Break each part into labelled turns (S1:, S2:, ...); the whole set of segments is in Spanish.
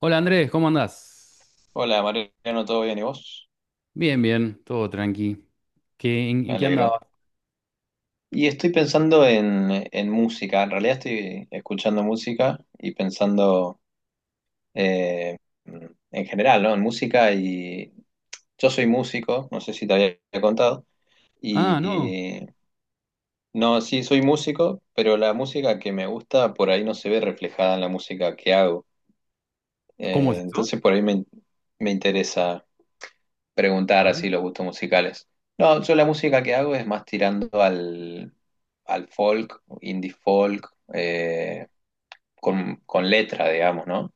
S1: Hola Andrés, ¿cómo andás?
S2: Hola Mariano, ¿todo bien y vos?
S1: Bien, bien, todo tranqui. ¿Qué, en,
S2: Me
S1: en qué
S2: alegro.
S1: andabas?
S2: Y estoy pensando en música. En realidad estoy escuchando música y pensando eh, en general, ¿no? En música y yo soy músico, no sé si te había contado, y,
S1: Ah, no.
S2: y- no, sí soy músico, pero la música que me gusta por ahí no se ve reflejada en la música que hago.
S1: ¿Cómo es eso?
S2: Entonces por ahí me interesa
S1: A
S2: preguntar así
S1: ver.
S2: los gustos musicales. No, yo la música que hago es más tirando al folk, indie folk, eh, con letra, digamos, ¿no?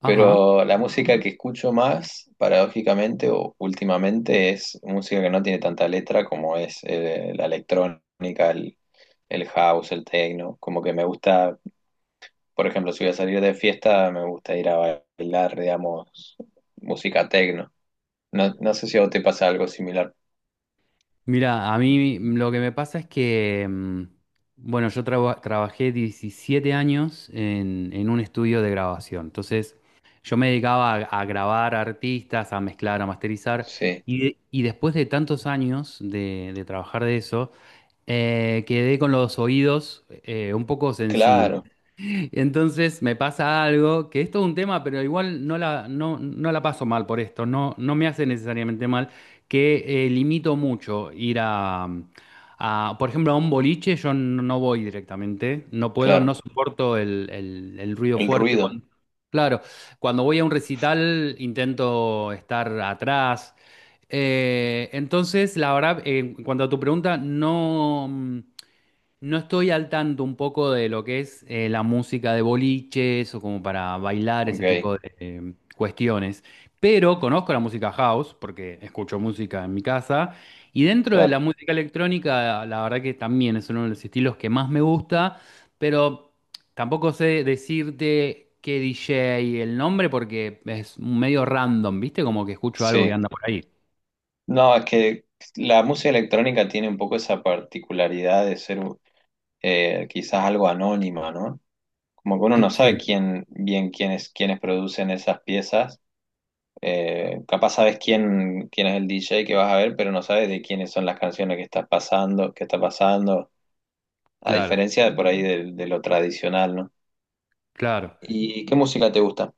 S1: Ajá.
S2: Pero la música que escucho más, paradójicamente o últimamente, es música que no tiene tanta letra, como es la electrónica, el house, el techno. Como que me gusta, por ejemplo, si voy a salir de fiesta, me gusta ir a bailar, digamos, música techno. No, no sé si a vos te pasa algo similar.
S1: Mira, a mí lo que me pasa es que, bueno, trabajé 17 años en un estudio de grabación. Entonces, yo me dedicaba a grabar artistas, a mezclar, a masterizar.
S2: Sí,
S1: Y después de tantos años de trabajar de eso, quedé con los oídos un poco sensibles.
S2: claro,
S1: Entonces me pasa algo, que esto es un tema, pero igual no la paso mal por esto, no me hace necesariamente mal, que limito mucho ir a, por ejemplo, a un boliche, yo no voy directamente, no puedo, no
S2: claro.
S1: soporto el ruido
S2: El
S1: fuerte.
S2: ruido,
S1: Claro, cuando voy a un recital intento estar atrás. Entonces, la verdad, en cuanto a tu pregunta, no estoy al tanto un poco de lo que es la música de boliches o como para bailar
S2: ok,
S1: ese tipo de cuestiones, pero conozco la música house porque escucho música en mi casa, y dentro de
S2: claro,
S1: la música electrónica la verdad que también es uno de los estilos que más me gusta, pero tampoco sé decirte qué DJ y el nombre porque es medio random, ¿viste? Como que escucho algo que
S2: sí.
S1: anda por ahí.
S2: No, es que la música electrónica tiene un poco esa particularidad de ser quizás algo anónima, ¿no? Como que uno no sabe
S1: Sí,
S2: quién, bien quiénes producen esas piezas. Capaz sabes quién es el DJ que vas a ver, pero no sabes de quiénes son las canciones que que está pasando, a
S1: claro,
S2: diferencia de por ahí de lo tradicional, ¿no?
S1: claro.
S2: ¿Y qué música te gusta?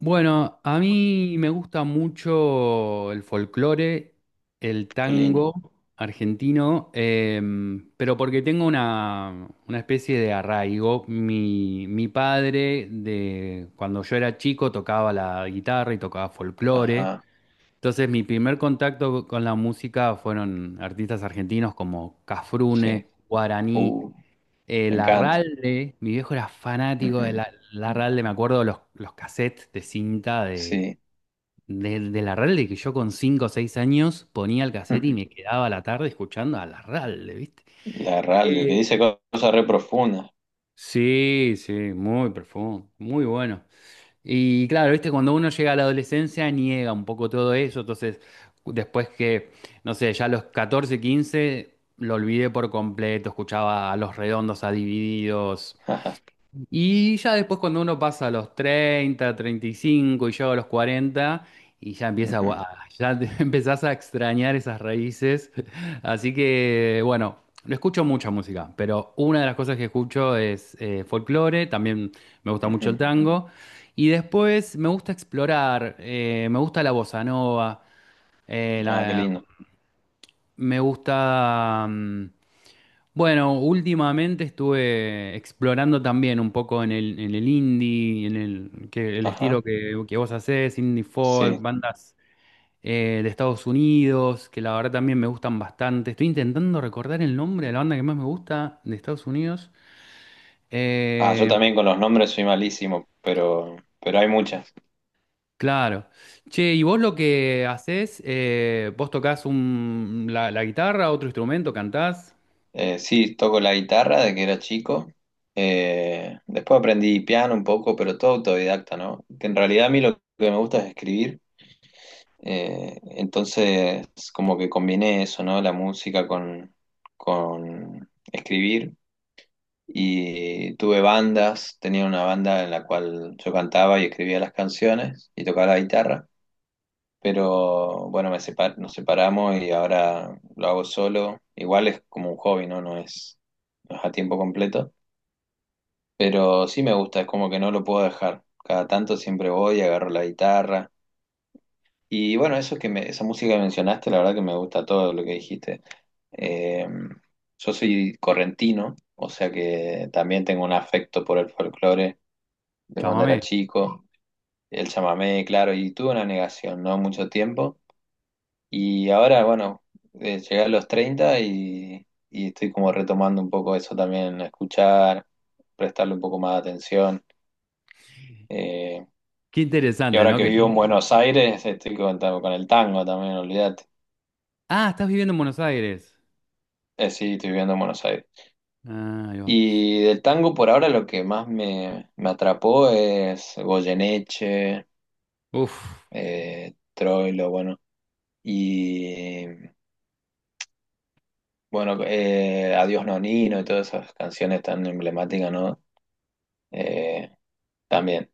S1: Bueno, a mí me gusta mucho el folclore, el
S2: Qué lindo.
S1: tango argentino, pero porque tengo una especie de arraigo. Mi padre, de, cuando yo era chico, tocaba la guitarra y tocaba folclore.
S2: Ajá,
S1: Entonces mi primer contacto con la música fueron artistas argentinos como
S2: sí.
S1: Cafrune, Guaraní.
S2: Uh. Me
S1: El
S2: encanta.
S1: Arralde, mi viejo era fanático
S2: Ujú.
S1: de la, el Arralde, me acuerdo de los cassettes de cinta de,
S2: Sí.
S1: del Arralde, que yo con 5 o 6 años ponía el cassette y me quedaba la tarde escuchando al Arralde, ¿viste?
S2: Ujú. La Ralde, que
S1: Eh,
S2: dice cosas re profundas.
S1: Sí, sí, muy profundo, muy bueno. Y claro, viste, cuando uno llega a la adolescencia niega un poco todo eso, entonces después que, no sé, ya a los 14, 15 lo olvidé por completo, escuchaba a Los Redondos, a Divididos.
S2: Ajá.
S1: Y ya después cuando uno pasa a los 30, 35 y llega a los 40 y ya empieza,
S2: Ujú,
S1: empezás a extrañar esas raíces. Así que bueno, no escucho mucha música, pero una de las cosas que escucho es folclore, también me gusta
S2: ujú.
S1: mucho el tango. Y después me gusta explorar, me gusta la bossa nova, eh,
S2: Ah, qué
S1: la-
S2: lindo.
S1: me gusta... bueno, últimamente estuve explorando también un poco en el indie, en el, que, el estilo
S2: Ajá.
S1: que vos hacés, indie folk,
S2: Sí.
S1: bandas de Estados Unidos, que la verdad también me gustan bastante. Estoy intentando recordar el nombre de la banda que más me gusta de Estados Unidos.
S2: Ah, yo
S1: Eh,
S2: también con los nombres soy malísimo, pero hay muchas.
S1: claro. Che, ¿y vos lo que hacés, vos tocás un, la guitarra, otro instrumento, cantás?
S2: Sí, toco la guitarra de que era chico. Después aprendí piano un poco, pero todo autodidacta, ¿no? Que en realidad a mí lo que me gusta es escribir. Entonces, como que combiné eso, ¿no? La música con escribir. Y tuve bandas, tenía una banda en la cual yo cantaba y escribía las canciones y tocaba la guitarra, pero bueno, nos separamos y ahora lo hago solo. Igual es como un hobby, ¿no? No es a tiempo completo, pero sí me gusta, es como que no lo puedo dejar. Cada tanto siempre voy, agarro la guitarra. Y bueno, esa música que mencionaste, la verdad que me gusta todo lo que dijiste. Eh, yo soy correntino, o sea que también tengo un afecto por el folclore de cuando era
S1: Llámame.
S2: chico, el chamamé, claro, y tuve una negación, ¿no? Mucho tiempo. Y ahora, bueno, llegué a los 30 y estoy como retomando un poco eso también, a escuchar, prestarle un poco más de atención. Eh,
S1: Qué
S2: y
S1: interesante,
S2: ahora
S1: ¿no?
S2: que vivo en Buenos Aires, estoy con el tango también, olvídate.
S1: Ah, estás viviendo en Buenos Aires.
S2: Sí, estoy viviendo en Buenos Aires.
S1: Ah, ahí va.
S2: Y del tango por ahora lo que más me atrapó es Goyeneche,
S1: Uf,
S2: Troilo, bueno. Y bueno, Adiós Nonino y todas esas canciones tan emblemáticas, ¿no? Eh, también.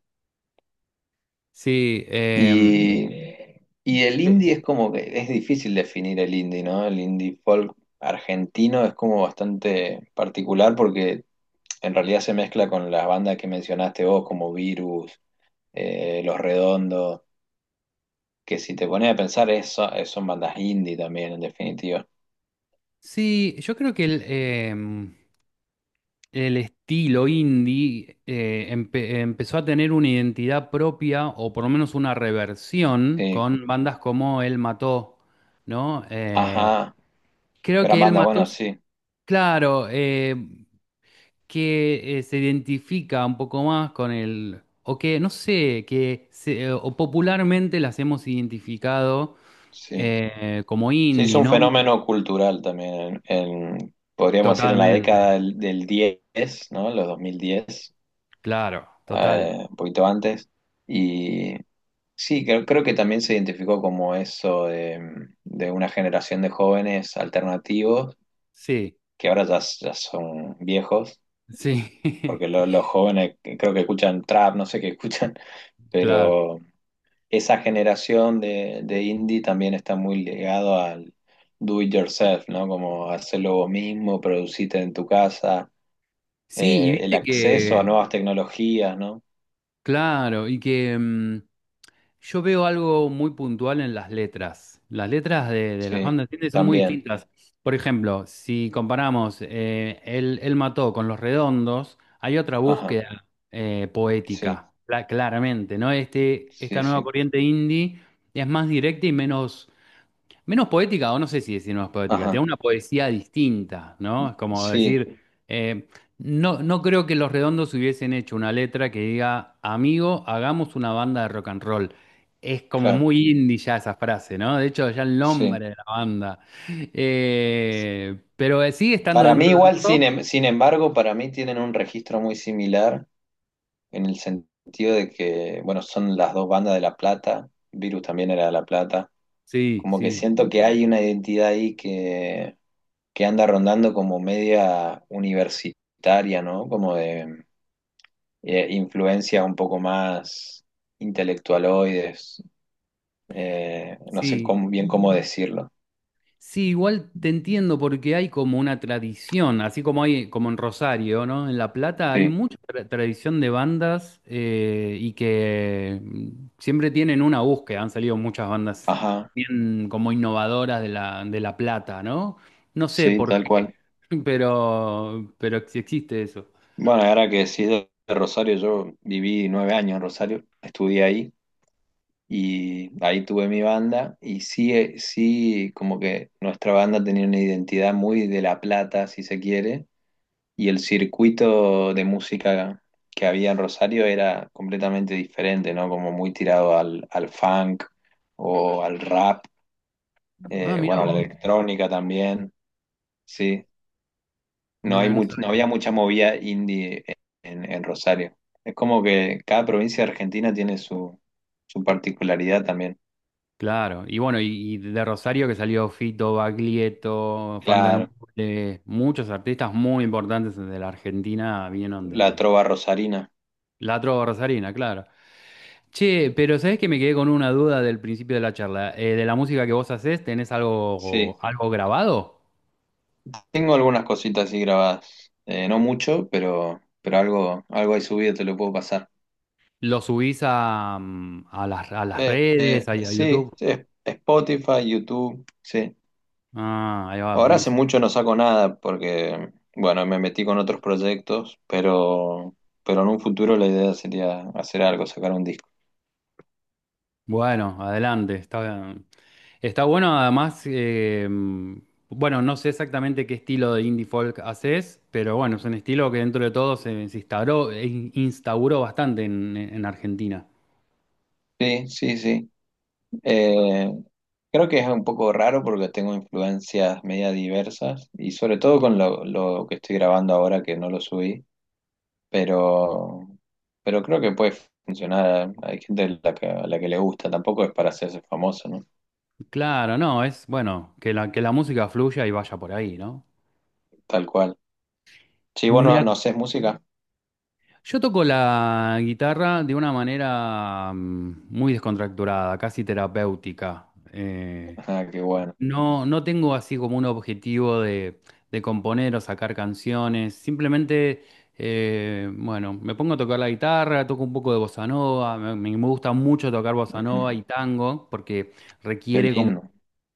S1: sí,
S2: Y, y el indie es como que es difícil definir el indie, ¿no? El indie folk argentino es como bastante particular porque en realidad se mezcla con las bandas que mencionaste vos, como Virus, Los Redondos, que si te pones a pensar eso, son bandas indie también, en definitiva.
S1: sí, yo creo que el, el estilo indie empezó a tener una identidad propia o por lo menos una reversión
S2: Sí.
S1: con bandas como Él Mató, ¿no?
S2: Ajá,
S1: Creo
S2: gran
S1: que Él
S2: banda,
S1: Mató,
S2: bueno, sí,
S1: claro, que se identifica un poco más con el, o que, no sé, o popularmente las hemos identificado
S2: sí.
S1: como
S2: Se hizo
S1: indie,
S2: un
S1: ¿no?
S2: fenómeno cultural también, podríamos decir en la década
S1: Totalmente.
S2: del 10, ¿no? Los 2010,
S1: Claro, total.
S2: un poquito antes. Y sí, creo que también se identificó como eso de una generación de jóvenes alternativos,
S1: Sí,
S2: que ahora ya, ya son viejos,
S1: sí,
S2: porque los jóvenes creo que escuchan trap, no sé qué escuchan,
S1: claro.
S2: pero esa generación de indie también está muy ligado al do it yourself, ¿no? Como hacerlo vos mismo, producirte en tu casa,
S1: Sí, y
S2: el
S1: viste
S2: acceso a
S1: que,
S2: nuevas tecnologías, ¿no?
S1: claro, y que yo veo algo muy puntual en las letras. Las letras de las
S2: Sí,
S1: bandas, ¿entiendes?, son muy
S2: también.
S1: distintas. Por ejemplo, si comparamos Él Mató con Los Redondos, hay otra
S2: Ajá,
S1: búsqueda
S2: sí,
S1: poética, claramente, ¿no?
S2: sí,
S1: Esta nueva
S2: sí.
S1: corriente indie es más directa y menos, menos poética, o no sé si decir menos poética, tiene
S2: Ajá,
S1: una poesía distinta, ¿no? Es como
S2: sí,
S1: decir, eh, no creo que Los Redondos hubiesen hecho una letra que diga, amigo, hagamos una banda de rock and roll. Es como
S2: claro,
S1: muy indie ya esa frase, ¿no? De hecho, ya el
S2: sí.
S1: nombre de la banda. Pero sigue estando
S2: Para mí
S1: dentro del
S2: igual,
S1: rock.
S2: sin embargo, para mí tienen un registro muy similar, en el sentido de que, bueno, son las dos bandas de La Plata, Virus también era de La Plata.
S1: Sí,
S2: Como que
S1: sí,
S2: siento que hay una identidad ahí que anda rondando como media universitaria, ¿no? Como de influencia un poco más intelectualoides. No sé
S1: sí.
S2: bien cómo decirlo.
S1: Sí, igual te entiendo porque hay como una tradición, así como hay como en Rosario, ¿no? En La Plata hay
S2: Sí,
S1: mucha tradición de bandas y que siempre tienen una búsqueda, han salido muchas bandas
S2: ajá,
S1: bien como innovadoras de La Plata, ¿no? No sé
S2: sí,
S1: por
S2: tal
S1: qué,
S2: cual.
S1: pero sí existe eso.
S2: Bueno, ahora que decís de Rosario, yo viví 9 años en Rosario, estudié ahí y ahí tuve mi banda, y sí, sí, como que nuestra banda tenía una identidad muy de La Plata, si se quiere. Y el circuito de música que había en Rosario era completamente diferente, ¿no? Como muy tirado al funk o al rap,
S1: Ah, mirá
S2: bueno, a la
S1: vos,
S2: electrónica también, sí. No hay
S1: mira, no
S2: no
S1: sabía.
S2: había mucha movida indie en Rosario. Es como que cada provincia de Argentina tiene su particularidad también.
S1: Claro, y bueno, y de Rosario que salió Fito, Baglietto,
S2: Claro,
S1: Fandanambule, muchos artistas muy importantes de la Argentina vinieron
S2: la
S1: de
S2: trova rosarina,
S1: la trova rosarina, claro. Che, pero ¿sabés que me quedé con una duda del principio de la charla? De la música que vos hacés, ¿tenés
S2: sí.
S1: algo, algo grabado?
S2: Tengo algunas cositas así grabadas. No mucho, pero algo, ahí subido te lo puedo pasar.
S1: ¿Lo subís a, a las redes, a
S2: Sí,
S1: YouTube?
S2: sí, Spotify, YouTube, sí.
S1: Ah, ahí va,
S2: Ahora hace
S1: buenísimo.
S2: mucho no saco nada porque, bueno, me metí con otros proyectos, pero en un futuro la idea sería hacer algo, sacar un disco.
S1: Bueno, adelante. Está, está bueno, además, bueno, no sé exactamente qué estilo de indie folk haces, pero bueno, es un estilo que dentro de todo se, se instauró, instauró bastante en Argentina.
S2: Sí, sí, sí. Eh, Creo que es un poco raro porque tengo influencias media diversas, y sobre todo con lo que estoy grabando ahora que no lo subí, pero, pero creo que puede funcionar. Hay gente a la que le gusta, tampoco es para hacerse famoso, ¿no?
S1: Claro, no, es bueno que la música fluya y vaya por ahí, ¿no?
S2: Tal cual. Sí,
S1: Me
S2: bueno, no
S1: ac-
S2: sé, música.
S1: Yo toco la guitarra de una manera muy descontracturada, casi terapéutica.
S2: Ah, qué bueno.
S1: No, no tengo así como un objetivo de componer o sacar canciones. Simplemente, bueno, me pongo a tocar la guitarra, toco un poco de bossa nova. Me gusta mucho tocar bossa
S2: Ujú.
S1: nova y tango porque
S2: Qué
S1: requiere como
S2: lindo.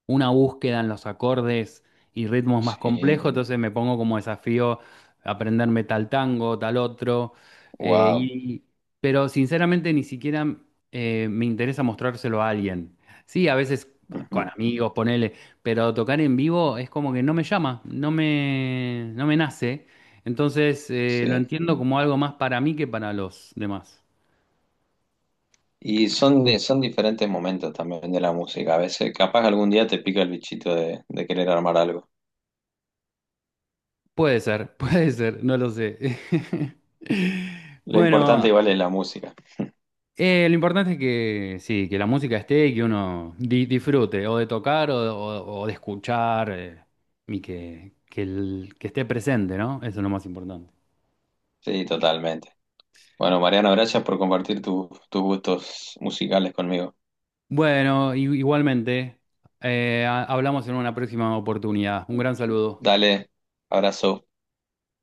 S1: una búsqueda en los acordes y ritmos más
S2: Sí,
S1: complejos, entonces me pongo como desafío aprenderme tal tango, tal otro, eh,
S2: wow.
S1: y, pero sinceramente ni siquiera me interesa mostrárselo a alguien. Sí, a veces
S2: Ujú.
S1: con amigos, ponele, pero tocar en vivo es como que no me llama, no me nace, entonces lo
S2: Sí.
S1: entiendo como algo más para mí que para los demás.
S2: Y son diferentes momentos también de la música. A veces, capaz algún día te pica el bichito de querer armar algo.
S1: Puede ser, puede ser, no lo sé.
S2: Lo importante
S1: Bueno,
S2: igual es la música.
S1: Lo importante es que sí, que la música esté y que uno disfrute o de tocar o de escuchar, y que, que esté presente, ¿no? Eso es lo más importante.
S2: Sí, totalmente. Bueno, Mariano, gracias por compartir tus gustos musicales conmigo.
S1: Bueno, igualmente, hablamos en una próxima oportunidad. Un gran saludo.
S2: Dale, abrazo.